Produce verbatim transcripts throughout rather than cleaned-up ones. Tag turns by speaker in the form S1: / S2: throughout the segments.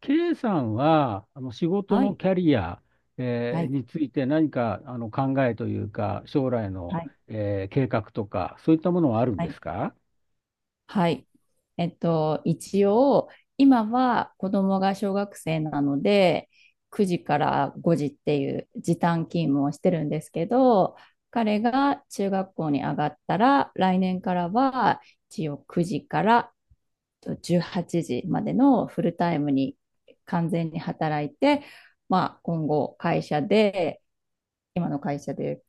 S1: K さんは、あの仕事
S2: は
S1: の
S2: い。
S1: キャリア、
S2: は
S1: え
S2: い、
S1: ーについて何かあの考えというか、将来の、
S2: はい、
S1: えー計画とか、そういったものはあるん
S2: は
S1: で
S2: い、
S1: すか？
S2: はい。えっと、一応、今は子供が小学生なので、くじからごじっていう時短勤務をしてるんですけど、彼が中学校に上がったら、来年からは一応くじからとじゅうはちじまでのフルタイムに完全に働いて、まあ、今後会社で、今の会社で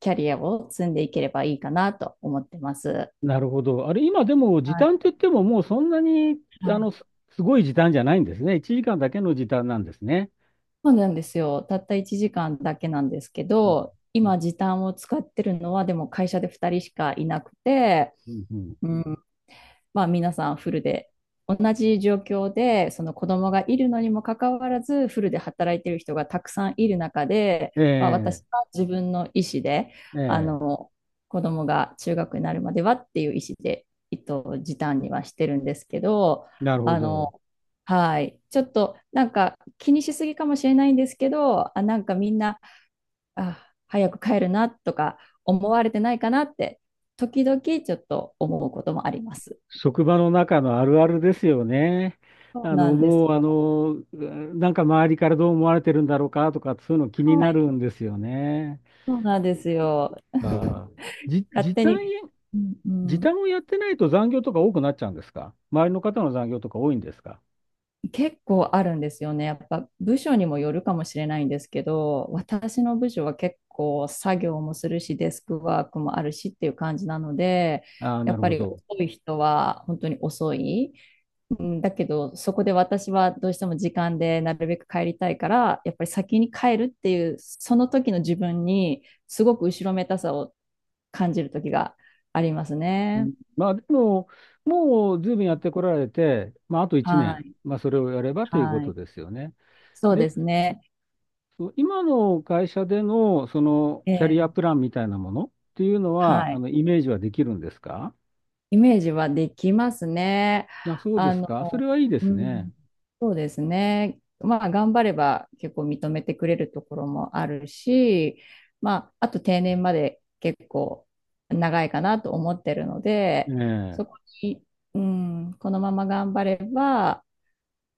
S2: キャリアを積んでいければいいかなと思ってます。
S1: なるほど。あれ、今でも時
S2: はい。
S1: 短って言っても、もうそんなに、
S2: は
S1: あ
S2: い。
S1: の、す、すごい時短じゃないんですね。いちじかんだけの時短なんですね。
S2: そうなんですよ。たったいちじかんだけなんですけ
S1: うん、
S2: ど、今時短を使ってるのはでも会社でふたりしかいなくて、
S1: うん、うん、
S2: うまあ、皆さんフルで同じ状況でその子供がいるのにもかかわらずフルで働いている人がたくさんいる中で、まあ、
S1: え
S2: 私
S1: え
S2: は自分の意思であ
S1: ええ。
S2: の子供が中学になるまではっていう意思で、えっと、時短にはしてるんですけど
S1: なるほ
S2: あ
S1: ど。
S2: のはい、ちょっとなんか気にしすぎかもしれないんですけどあなんかみんなあ早く帰るなとか思われてないかなって時々ちょっと思うこともあります。
S1: 職場の中のあるあるですよね。
S2: そう
S1: あ
S2: な
S1: の、
S2: んです
S1: もう、あ
S2: よ。
S1: の、なんか周りからどう思われてるんだろうかとか、そういうの気に
S2: は
S1: な
S2: い、
S1: るんですよね。
S2: そうなんですよ。
S1: あー、じ、
S2: 勝
S1: 時
S2: 手
S1: 短
S2: に、うんう
S1: 時
S2: ん、
S1: 短をやってないと残業とか多くなっちゃうんですか？周りの方の残業とか多いんですか？
S2: 結構あるんですよね。やっぱ部署にもよるかもしれないんですけど、私の部署は結構作業もするし、デスクワークもあるしっていう感じなので、
S1: ああー、
S2: や
S1: な
S2: っ
S1: る
S2: ぱ
S1: ほ
S2: り
S1: ど。
S2: 遅い人は本当に遅い。うん、だけど、そこで私はどうしても時間でなるべく帰りたいから、やっぱり先に帰るっていう、その時の自分に、すごく後ろめたさを感じる時があります
S1: う
S2: ね。
S1: ん。まあ、でも、もう随分やってこられて、まあ、あと1
S2: は
S1: 年、
S2: い、
S1: まあ、それをやればというこ
S2: は
S1: と
S2: い。
S1: ですよね。
S2: そう
S1: で、
S2: ですね。
S1: そう今の会社での、その、
S2: え
S1: キャリア
S2: え、
S1: プランみたいなものっていうのは、
S2: は
S1: あ
S2: い。
S1: の、イメージはできるんですか？
S2: イメージはできますね。
S1: あ、そうで
S2: あ
S1: す
S2: の、
S1: か。それはいいで
S2: う
S1: す
S2: ん、
S1: ね。
S2: そうですね。まあ、頑張れば結構認めてくれるところもあるし、まあ、あと定年まで結構長いかなと思ってるの
S1: え
S2: で、
S1: え。
S2: そこに、うん、このまま頑張れば、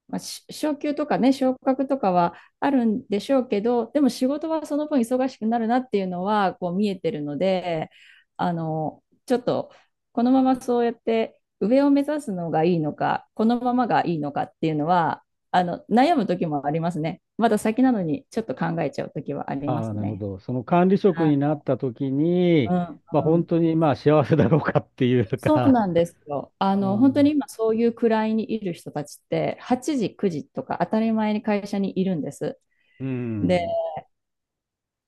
S2: まあ、昇給とかね、昇格とかはあるんでしょうけど、でも仕事はその分忙しくなるなっていうのはこう見えてるので、あの、ちょっとこのままそうやって上を目指すのがいいのか、このままがいいのかっていうのは、あの、悩む時もありますね。まだ先なのにちょっと考えちゃう時はありま
S1: ああ、
S2: す
S1: なるほ
S2: ね。
S1: ど。その管理職
S2: あ
S1: になった時に、
S2: うん
S1: まあ
S2: う
S1: 本
S2: ん、
S1: 当にまあ幸せだろうかっていう
S2: そう
S1: か、
S2: なんですよ。あの、
S1: う
S2: 本当に
S1: ん。
S2: 今そういう位にいる人たちって、はちじ、くじとか当たり前に会社にいるんです。
S1: う
S2: で
S1: ん。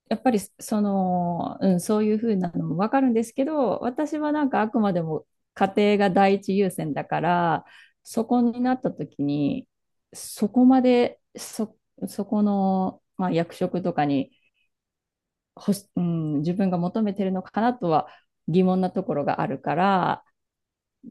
S2: やっぱりその、うん、そういうふうなのもわかるんですけど、私はなんかあくまでも家庭が第一優先だから、そこになった時に、そこまで、そ、そこの、まあ、役職とかにほし、うん、自分が求めてるのかなとは疑問なところがあるから、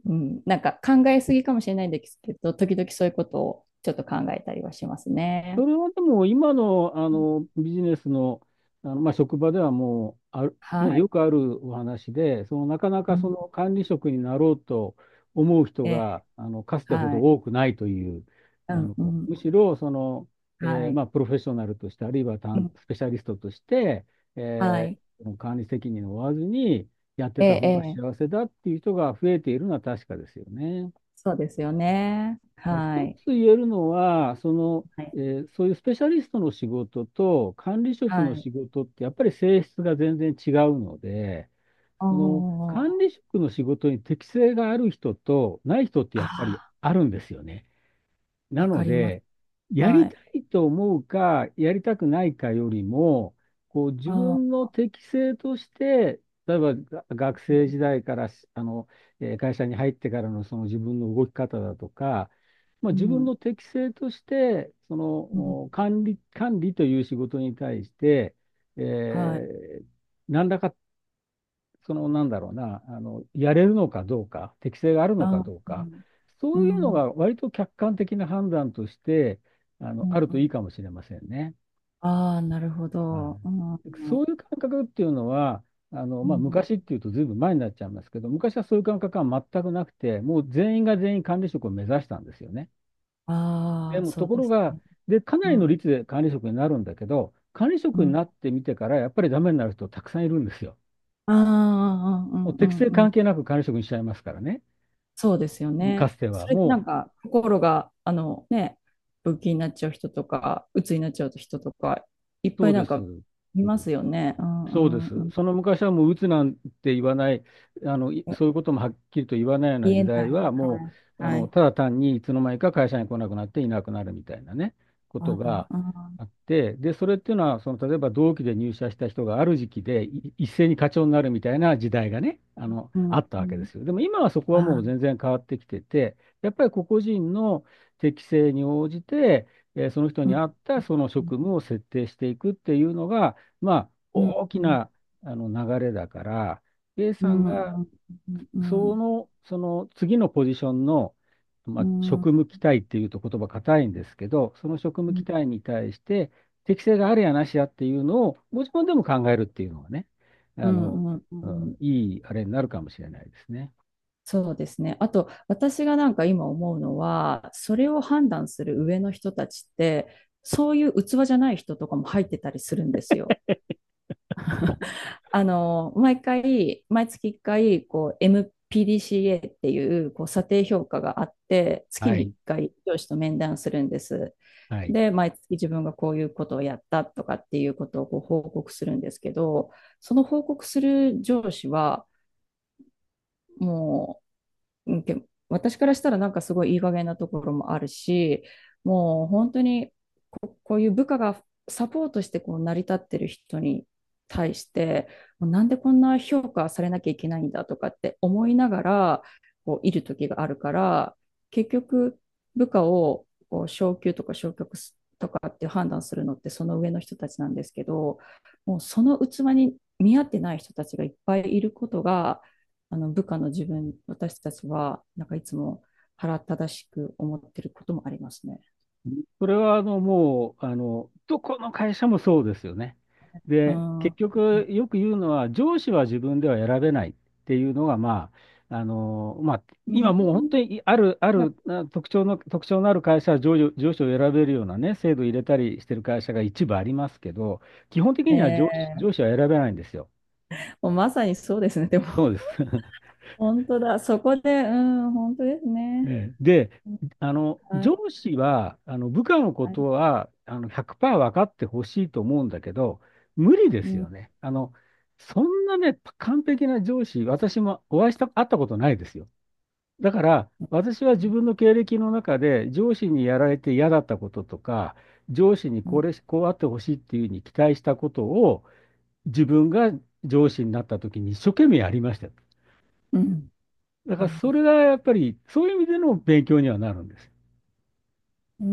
S2: うん、なんか考えすぎかもしれないんですけど、時々そういうことをちょっと考えたりはします
S1: そ
S2: ね。
S1: れはでも今の、あのビジネスの、あのまあ、職場ではもうある、ね、
S2: はい。
S1: よくあるお話で、そのなかな
S2: う
S1: かそ
S2: ん、
S1: の管理職になろうと思う人
S2: え
S1: があのかつ
S2: ー、
S1: てほ
S2: は
S1: ど
S2: い。
S1: 多くないという、あ
S2: うん、
S1: の
S2: うん、
S1: むしろその、
S2: は
S1: えー
S2: い。
S1: まあ、プロフェッショナルとして、あるいは
S2: う
S1: 担
S2: ん
S1: スペシャリストとして、
S2: は
S1: えー
S2: い。
S1: 管理責任を負わずにやって
S2: え
S1: た
S2: え、
S1: 方
S2: え
S1: が幸
S2: え。
S1: せだっていう人が増えているのは確かですよね。
S2: そうですよね。
S1: まあ
S2: は
S1: 一
S2: い。
S1: つ言えるのは、その、
S2: は
S1: え
S2: い。
S1: ーそういうスペシャリストの仕事と管理職
S2: は
S1: の
S2: い。
S1: 仕事ってやっぱり性質が全然違うので、
S2: あ
S1: その管
S2: ー
S1: 理職の仕事に適性がある人とない人ってやっぱり
S2: ああ
S1: あるんですよね。な
S2: わ
S1: の
S2: かります。
S1: で、や
S2: は
S1: りた
S2: い。
S1: いと思うか、やりたくないかよりも、こう自
S2: あ
S1: 分
S2: あ、
S1: の適性として、例えばが学生時代からしあの、えー会社に入ってからのその自分の動き方だとか、まあ、
S2: う
S1: 自分
S2: ん。
S1: の適性として、そ
S2: う
S1: のお
S2: ん。
S1: 管理、管理という仕事に対して、え
S2: はい。
S1: ー何らかその、なんだろうな、あの、やれるのかどうか、適性がある
S2: あ
S1: のか
S2: あ、
S1: どう
S2: う
S1: か、
S2: ん。う
S1: そういうの
S2: ん。
S1: が割と客観的な判断として、あ
S2: う
S1: の、あ
S2: ん。
S1: る
S2: う
S1: と
S2: ん
S1: いいかもしれませんね。
S2: ああ、なるほ
S1: は
S2: ど。うん。
S1: い。そ
S2: う
S1: ういう感覚っていうのは、あの、まあ、
S2: ん。
S1: 昔っていうとずいぶん前になっちゃいますけど、昔はそういう感覚は全くなくて、もう全員が全員管理職を目指したんですよね。
S2: あ
S1: で
S2: あ、
S1: も、
S2: そ
S1: と
S2: う
S1: こ
S2: で
S1: ろ
S2: す
S1: が、
S2: ね。
S1: で、かな
S2: う
S1: りの
S2: ん。
S1: 率で管理職になるんだけど、管理
S2: う
S1: 職に
S2: ん。
S1: なってみてから、やっぱりダメになる人たくさんいるんですよ。
S2: ああ、う
S1: もう
S2: ん。うん。う
S1: 適性
S2: ん。う
S1: 関
S2: ん
S1: 係なく管理職にしちゃいますからね。
S2: そうですよ
S1: か
S2: ね。
S1: つては。
S2: それってな
S1: も
S2: ん
S1: う、
S2: か心があのね、病気になっちゃう人とか、鬱になっちゃう人とか、いっぱ
S1: そう
S2: い
S1: で
S2: なんか
S1: す。
S2: いますよね。う
S1: そうで
S2: んうん
S1: す。
S2: う
S1: その昔はもう鬱なんて言わない、あの、い
S2: ん。
S1: そういうこともはっきりと言わないような
S2: 言
S1: 時
S2: えな
S1: 代
S2: い。
S1: は、
S2: は
S1: も
S2: い
S1: う、あ
S2: は
S1: の、
S2: い。
S1: ただ単にいつの間にか会社に来なくなっていなくなるみたいなね、こ
S2: あ
S1: とが
S2: あ、
S1: あって、で、それっていうのは、その、例えば同期で入社した人がある時期でい一斉に課長になるみたいな時代がね、あの、
S2: う
S1: あ
S2: ん
S1: った
S2: う
S1: わけで
S2: ん。
S1: すよ。でも今はそこ
S2: あ
S1: はもう
S2: あ、
S1: 全然変わってきてて、やっぱり個々人の適性に応じて、えーその人
S2: う
S1: に
S2: ん。
S1: 合ったその
S2: う
S1: 職務を設定していくっていうのが、まあ、
S2: ん
S1: 大
S2: う
S1: き
S2: ん
S1: なあの流れだから、A
S2: う
S1: さん
S2: んう
S1: が
S2: んう
S1: そ
S2: ん
S1: の、その次のポジションの、ま
S2: う
S1: あ、
S2: んう
S1: 職
S2: ん
S1: 務期待っていうと言葉硬いんですけど、その職
S2: う
S1: 務期
S2: ん
S1: 待に対して適性があるやなしやっていうのをご自分でも考えるっていうのがね、
S2: う
S1: あ
S2: ん
S1: の、
S2: うんう
S1: う
S2: ん
S1: ん、いいあれになるかもしれないですね。
S2: そうですね。あと、私がなんか今思うのは、それを判断する上の人たちって、そういう器じゃない人とかも入ってたりするんですよ。あの、毎回、毎月いっかい、こう、エムピーディーシーエー っていう、こう、査定評価があって、月
S1: は
S2: に1
S1: い。
S2: 回上司と面談するんです。
S1: はい。
S2: で、毎月自分がこういうことをやったとかっていうことをこう報告するんですけど、その報告する上司は、もうんけ私からしたらなんかすごいいい加減なところもあるし、もう本当にこ、こういう部下がサポートしてこう成り立ってる人に対して、もうなんでこんな評価されなきゃいけないんだとかって思いながらこういる時があるから、結局部下をこう昇給とか昇格すとかって判断するのってその上の人たちなんですけど、もうその器に見合ってない人たちがいっぱいいることが、あの部下の自分、私たちは、なんかいつも腹正しく思ってることもありますね。
S1: それはあのもうあのどこの会社もそうですよね。
S2: う
S1: で
S2: ん。
S1: 結
S2: う
S1: 局よく言うのは上司は自分では選べないっていうのがまあ、あのまあ、今もう本当
S2: ん
S1: にある、あるあ特徴の、特徴のある会社は上司、上司を選べるようなね制度を入れたりしてる会社が一部ありますけど、基本的には上司、
S2: ええ
S1: 上司は選べないんですよ。
S2: もうまさにそうですね。でも、
S1: そうです。
S2: 本当だ。そこで、うん、本当です
S1: え
S2: ね。
S1: え。で、あの、
S2: はい、
S1: 上司は、あの、部下のこ
S2: は
S1: と
S2: い。
S1: は、あの、ひゃくパーセント分かってほしいと思うんだけど、無理で
S2: う
S1: す
S2: ん、
S1: よね。あの、そんなね、完璧な上司、私もお会いした、会ったことないですよ。だから、
S2: う
S1: 私は自
S2: ん、
S1: 分の経歴の中で、上司にやられて嫌だったこととか、上司に
S2: う
S1: こ
S2: ん、
S1: れ、こうあってほしいっていうふうに期待したことを、自分が上司になった時に一生懸命やりました。
S2: うん。
S1: だか
S2: う
S1: ら、
S2: ん
S1: それがやっぱり、そういう意味での勉強にはなるんです。
S2: うー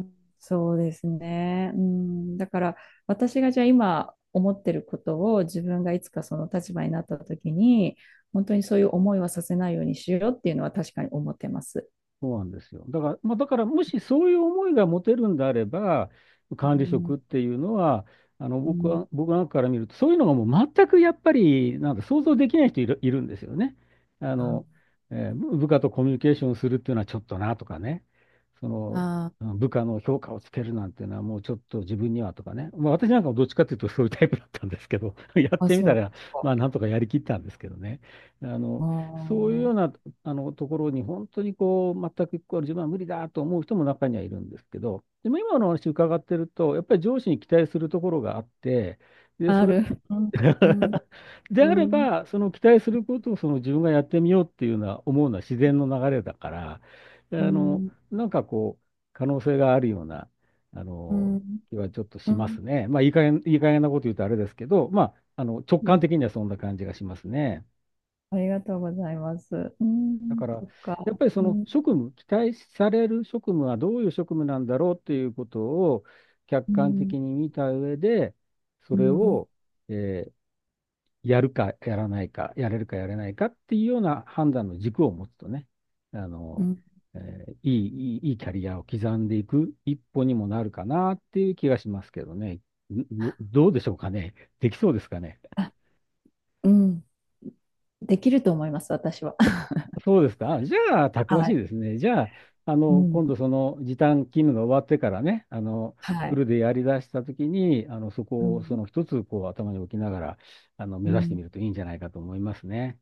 S2: ん、そうですね。うん、だから私がじゃあ今思ってることを自分がいつかその立場になった時に本当にそういう思いはさせないようにしようっていうのは確かに思ってます。
S1: そうなんですよ。だから、まあ、だからもしそういう思いが持てるんであれば、管
S2: う
S1: 理職
S2: ん、
S1: っていうのは、あの
S2: う
S1: 僕
S2: ん
S1: は、僕なんかから見ると、そういうのがもう全くやっぱり、なんか想像できない人いる、いるんですよね。あの、
S2: あ
S1: えー部部下とコミュニケーションするっていうのはちょっとなとかね、その、うん、
S2: あ
S1: 部下の評価をつけるなんていうのはもうちょっと自分にはとかね、まあ、私なんかもどっちかっていうとそういうタイプだったんですけど、やっ
S2: ー、あ
S1: てみ
S2: そう
S1: た
S2: なん
S1: ら、
S2: ですか。
S1: まあなんとかやりきったんですけどね。あの、そういうよう
S2: あ
S1: なあのところに本当にこう全くこう自分は無理だと思う人も中にはいるんですけど、でも今の話伺ってると、やっぱり上司に期待するところがあって、で、
S2: あ
S1: そ
S2: あ
S1: れ
S2: る。うん、うん、
S1: で
S2: う
S1: あれ
S2: ん、
S1: ば、その期待することをその自分がやってみようっていうのは思うのは自然の流れだから、あ
S2: う
S1: の
S2: ん、
S1: なんかこう、可能性があるようなあ
S2: う
S1: の
S2: ん、
S1: 気はちょっと
S2: う
S1: しま
S2: ん
S1: すね。まあ、いい加減、いい加減なこと言うとあれですけど、まあ、あの直
S2: い
S1: 感
S2: え
S1: 的にはそんな感じがしますね。
S2: ありがとうございます。う
S1: だ
S2: ん、
S1: から、
S2: そっか。
S1: やっぱりそ
S2: う
S1: の
S2: ん、
S1: 職務、期待される職務はどういう職務なんだろうということを客
S2: う
S1: 観
S2: ん、
S1: 的に見た上で、そ
S2: う
S1: れ
S2: ん、
S1: を、えーやるかやらないか、やれるかやれないかっていうような判断の軸を持つとね、あ
S2: う
S1: の、
S2: ん。
S1: えーいい、いい、いいキャリアを刻んでいく一歩にもなるかなっていう気がしますけどね。ど、どうでしょうかね。できそうですかね。
S2: うんできると思います、私は。
S1: そうですか。あじゃあ、たくま
S2: は
S1: しい
S2: い。
S1: ですね。じゃあ、あ
S2: う
S1: の、今度
S2: ん。
S1: その時短勤務が終わってからね、あの、
S2: は
S1: フ
S2: い。
S1: ルでやり出したときに、あの、そ
S2: う
S1: こをそ
S2: ん。
S1: の一つ、こう、頭に置きながら、あの、目
S2: う
S1: 指して
S2: ん。
S1: みるといいんじゃないかと思いますね。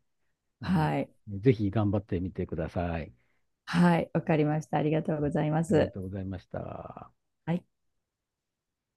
S1: あの、
S2: はい。
S1: ぜひ頑張ってみてください。
S2: はい。わかりました。ありがとうございま
S1: ありが
S2: す。
S1: とうございました。
S2: はい。